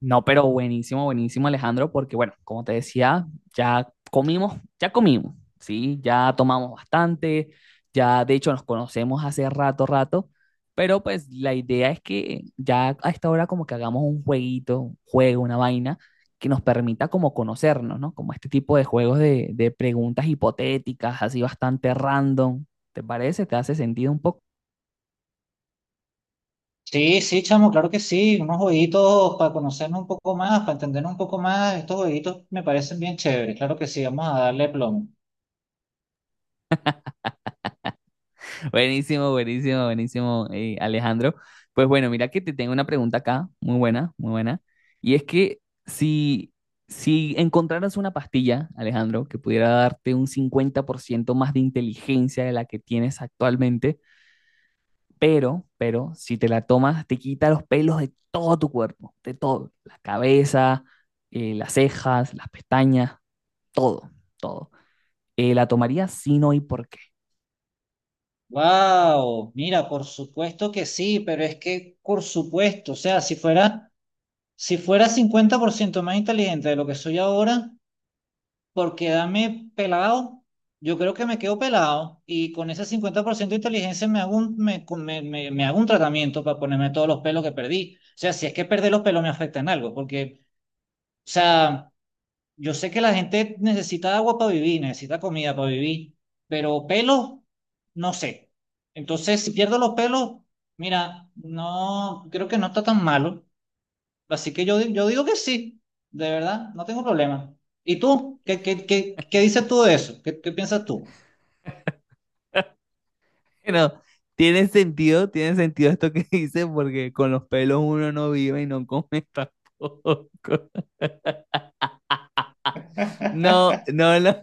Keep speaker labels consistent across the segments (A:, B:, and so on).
A: No, pero buenísimo, buenísimo, Alejandro, porque bueno, como te decía, ya comimos, ya comimos, ¿sí? Ya tomamos bastante, ya de hecho nos conocemos hace rato, rato, pero pues la idea es que ya a esta hora como que hagamos un jueguito, un juego, una vaina que nos permita como conocernos, ¿no? Como este tipo de juegos de preguntas hipotéticas, así bastante random, ¿te parece? ¿Te hace sentido un poco?
B: Sí, sí, chamo, claro que sí. Unos jueguitos para conocernos un poco más, para entendernos un poco más. Estos jueguitos me parecen bien chéveres. Claro que sí, vamos a darle plomo.
A: Buenísimo, buenísimo, buenísimo, Alejandro. Pues bueno, mira que te tengo una pregunta acá, muy buena, muy buena. Y es que si, si encontraras una pastilla, Alejandro, que pudiera darte un 50% más de inteligencia de la que tienes actualmente, pero, si te la tomas, te quita los pelos de todo tu cuerpo, de todo, la cabeza, las cejas, las pestañas, todo, todo. ¿La tomarías? Si no, ¿y por qué?
B: Wow, mira, por supuesto que sí, pero es que, por supuesto, o sea, si fuera 50% más inteligente de lo que soy ahora, por quedarme pelado, yo creo que me quedo pelado y con ese 50% de inteligencia me hago un, me, con- me hago un tratamiento para ponerme todos los pelos que perdí. O sea, si es que perder los pelos me afecta en algo, porque, o sea, yo sé que la gente necesita agua para vivir, necesita comida para vivir, pero pelos, no sé. Entonces, si pierdo los pelos, mira, no, creo que no está tan malo. Así que yo digo que sí, de verdad, no tengo problema. ¿Y tú? ¿Qué dices tú de eso? ¿Qué piensas tú?
A: Bueno, tiene sentido esto que dice, porque con los pelos uno no vive y no come tampoco. No, no, no.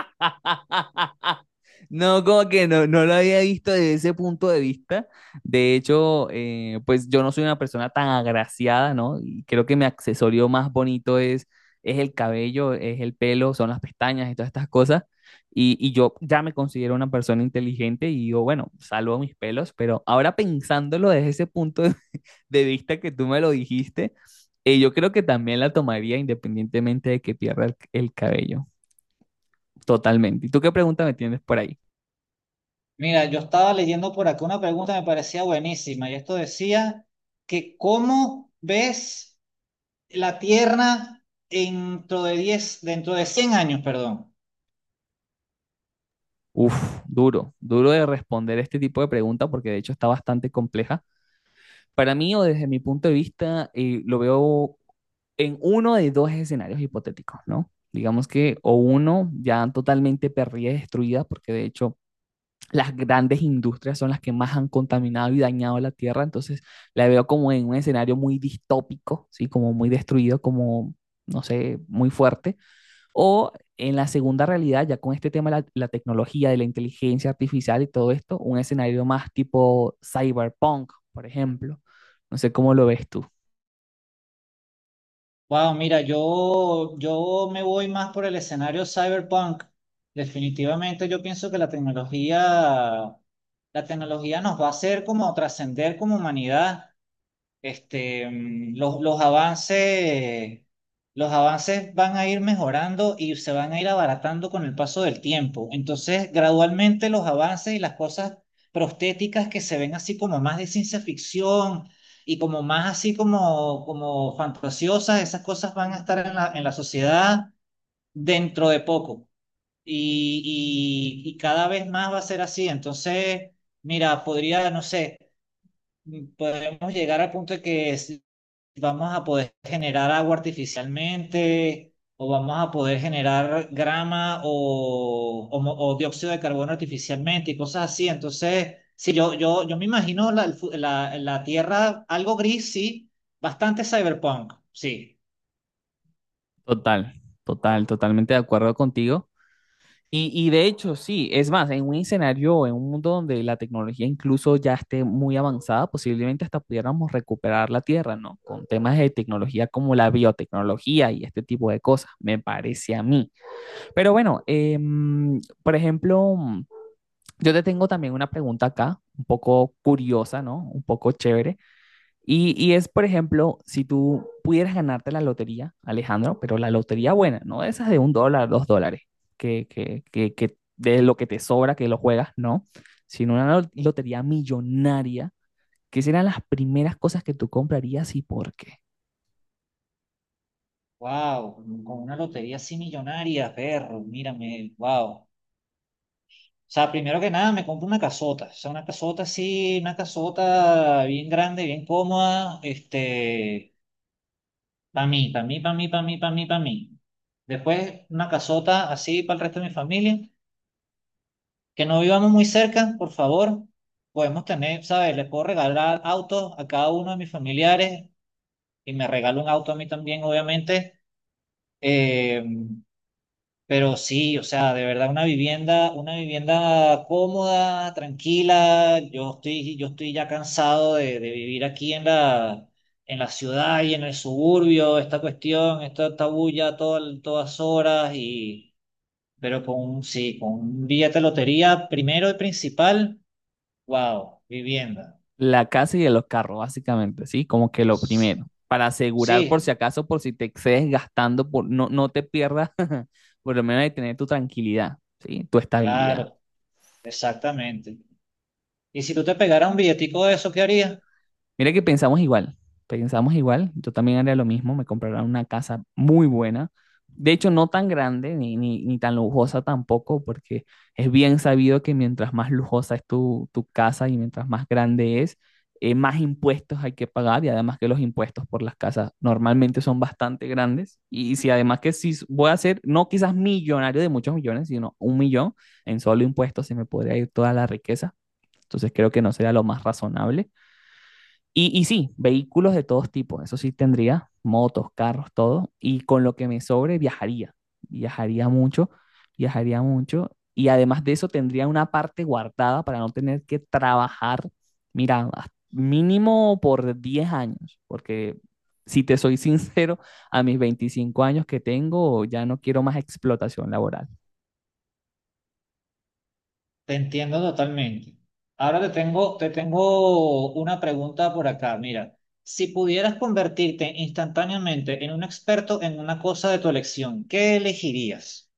A: No, como que no, no lo había visto desde ese punto de vista. De hecho, pues yo no soy una persona tan agraciada, ¿no? Y creo que mi accesorio más bonito es el cabello, es el pelo, son las pestañas y todas estas cosas. Y yo ya me considero una persona inteligente y digo, bueno, salvo mis pelos, pero ahora pensándolo desde ese punto de, de vista que tú me lo dijiste, yo creo que también la tomaría independientemente de que pierda el cabello. Totalmente. ¿Y tú qué pregunta me tienes por ahí?
B: Mira, yo estaba leyendo por acá una pregunta que me parecía buenísima y esto decía que ¿cómo ves La Tierra dentro de 10 dentro de 100 años, perdón?
A: Uf, duro, duro de responder este tipo de pregunta porque de hecho está bastante compleja. Para mí o desde mi punto de vista, lo veo en uno de dos escenarios hipotéticos, ¿no? Digamos que o uno ya totalmente perdida y destruida, porque de hecho las grandes industrias son las que más han contaminado y dañado la Tierra, entonces la veo como en un escenario muy distópico, ¿sí? Como muy destruido, como, no sé, muy fuerte. O en la segunda realidad, ya con este tema de la tecnología, de la inteligencia artificial y todo esto, un escenario más tipo cyberpunk, por ejemplo. No sé cómo lo ves tú.
B: Wow, mira, yo me voy más por el escenario cyberpunk. Definitivamente yo pienso que la tecnología nos va a hacer como trascender como humanidad. Este, los avances van a ir mejorando y se van a ir abaratando con el paso del tiempo. Entonces, gradualmente los avances y las cosas prostéticas que se ven así como más de ciencia ficción y como más así como, como fantasiosas, esas cosas van a estar en la sociedad dentro de poco. Y cada vez más va a ser así. Entonces, mira, podría, no sé, podemos llegar al punto de que si vamos a poder generar agua artificialmente o vamos a poder generar grama o, o dióxido de carbono artificialmente y cosas así. Entonces, sí, yo me imagino la, el fu- la, la Tierra algo gris, sí, bastante cyberpunk, sí.
A: Total, total, totalmente de acuerdo contigo. Y de hecho, sí, es más, en un escenario, en un mundo donde la tecnología incluso ya esté muy avanzada, posiblemente hasta pudiéramos recuperar la Tierra, ¿no? Con temas de tecnología como la biotecnología y este tipo de cosas, me parece a mí. Pero bueno, por ejemplo, yo te tengo también una pregunta acá, un poco curiosa, ¿no? Un poco chévere. Y es, por ejemplo, si tú pudieras ganarte la lotería, Alejandro, pero la lotería buena, no de esas de un dólar, dos dólares, que de lo que te sobra, que lo juegas, no, sino lotería millonaria, ¿qué serán las primeras cosas que tú comprarías y por qué?
B: Wow, con una lotería así millonaria, perro, mírame, wow. O sea, primero que nada me compro una casota, o sea, una casota así, una casota bien grande, bien cómoda, este, para mí, para mí, para mí, para mí, para mí, para mí. Después una casota así para el resto de mi familia, que no vivamos muy cerca, por favor. Podemos tener, ¿sabes? Les puedo regalar autos a cada uno de mis familiares y me regalo un auto a mí también, obviamente. Eh, Pero sí, o sea, de verdad una vivienda cómoda, tranquila. Yo estoy ya cansado de vivir aquí en la ciudad y en el suburbio, esta cuestión, esta bulla todo todas horas y, pero con un, sí, con un billete de lotería primero y principal, wow, vivienda.
A: La casa y de los carros, básicamente, ¿sí? Como que lo primero, para asegurar por si
B: Sí,
A: acaso, por si te excedes gastando, por, no, no te pierdas, por lo menos de tener tu tranquilidad, ¿sí? Tu estabilidad.
B: claro, exactamente. Y si tú te pegaras un billetico de eso, ¿qué harías?
A: Mira que pensamos igual, pensamos igual. Yo también haría lo mismo, me comprará una casa muy buena. De hecho, no tan grande ni tan lujosa tampoco, porque es bien sabido que mientras más lujosa es tu casa y mientras más grande es, más impuestos hay que pagar y además que los impuestos por las casas normalmente son bastante grandes. Y si además que si voy a ser, no quizás millonario de muchos millones, sino un millón en solo impuestos, se me podría ir toda la riqueza. Entonces creo que no sería lo más razonable. Y sí, vehículos de todos tipos, eso sí tendría, motos, carros, todo, y con lo que me sobre viajaría, viajaría mucho, viajaría mucho, y además de eso tendría una parte guardada para no tener que trabajar, mira, mínimo por 10 años, porque si te soy sincero, a mis 25 años que tengo ya no quiero más explotación laboral.
B: Te entiendo totalmente. Ahora te tengo una pregunta por acá. Mira, si pudieras convertirte instantáneamente en un experto en una cosa de tu elección, ¿qué elegirías?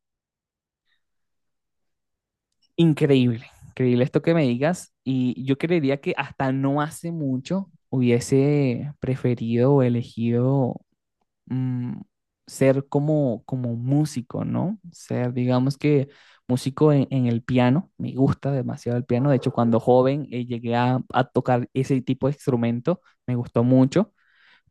A: Increíble, increíble esto que me digas. Y yo creería que hasta no hace mucho hubiese preferido o elegido mm, ser como, como músico, ¿no? Ser, digamos que músico en el piano. Me gusta demasiado el piano. De hecho, cuando joven llegué a tocar ese tipo de instrumento, me gustó mucho.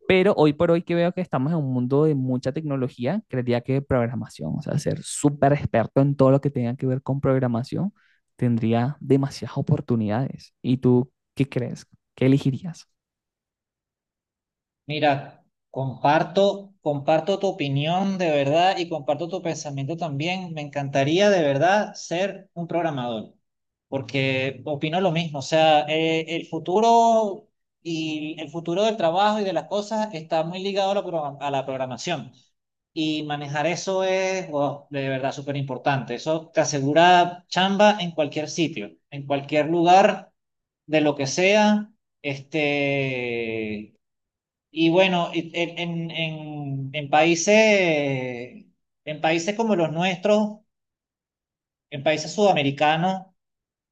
A: Pero hoy por hoy que veo que estamos en un mundo de mucha tecnología, creería que programación, o sea, ser súper experto en todo lo que tenga que ver con programación, tendría demasiadas oportunidades. ¿Y tú qué crees? ¿Qué elegirías?
B: Mira, comparto tu opinión de verdad y comparto tu pensamiento también. Me encantaría de verdad ser un programador, porque opino lo mismo. O sea, el futuro y el futuro del trabajo y de las cosas está muy ligado a a la programación. Y manejar eso es, wow, de verdad súper importante. Eso te asegura chamba en cualquier sitio, en cualquier lugar, de lo que sea. Este, y bueno, en países como los nuestros, en países sudamericanos,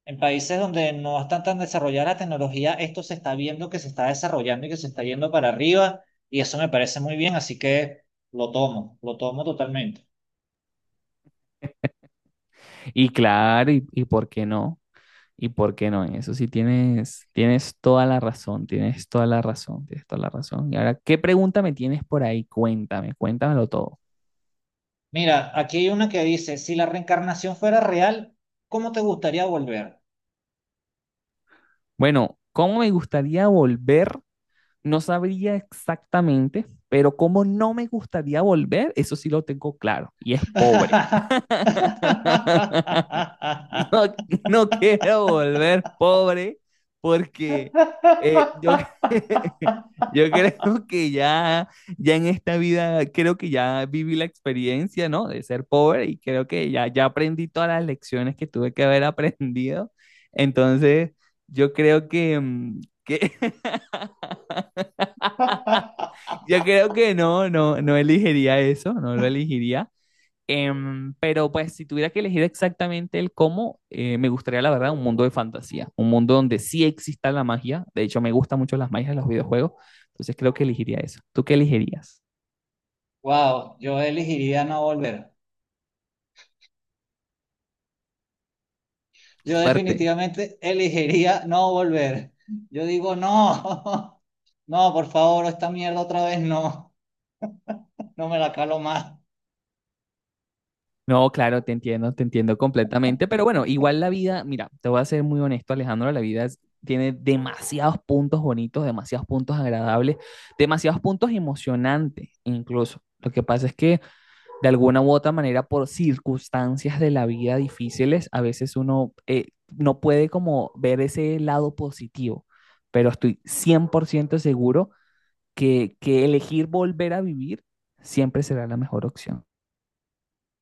B: en países donde no están tan desarrollada la tecnología, esto se está viendo que se está desarrollando y que se está yendo para arriba, y eso me parece muy bien, así que lo tomo totalmente.
A: Y claro, y por qué no? ¿Y por qué no? En eso sí tienes, tienes toda la razón, tienes toda la razón, tienes toda la razón. Y ahora, ¿qué pregunta me tienes por ahí? Cuéntame, cuéntamelo todo.
B: Mira, aquí hay una que dice, si la reencarnación fuera real, ¿cómo te gustaría volver?
A: Bueno, ¿cómo me gustaría volver? No sabría exactamente, pero como no me gustaría volver, eso sí lo tengo claro, y es pobre. No, no quiero volver pobre porque eh, yo, cre- yo creo que ya, ya en esta vida, creo que ya viví la experiencia, ¿no? De ser pobre y creo que ya, ya aprendí todas las lecciones que tuve que haber aprendido. Entonces, yo creo que, que yo creo que no, no, no elegiría eso, no lo elegiría. Pero pues si tuviera que elegir exactamente el cómo, me gustaría la verdad un mundo de fantasía, un mundo donde sí exista la magia. De hecho, me gustan mucho las magias de los videojuegos, entonces creo que elegiría eso. ¿Tú qué elegirías?
B: Wow, yo elegiría no volver. Yo
A: Fuerte.
B: definitivamente elegiría no volver. Yo digo, no, no, por favor, esta mierda otra vez no, no me la calo más.
A: No, claro, te entiendo completamente, pero bueno, igual la vida, mira, te voy a ser muy honesto, Alejandro, la vida es- tiene demasiados puntos bonitos, demasiados puntos agradables, demasiados puntos emocionantes incluso. Lo que pasa es que de alguna u otra manera por circunstancias de la vida difíciles, a veces uno no puede como ver ese lado positivo, pero estoy 100% seguro que elegir volver a vivir siempre será la mejor opción.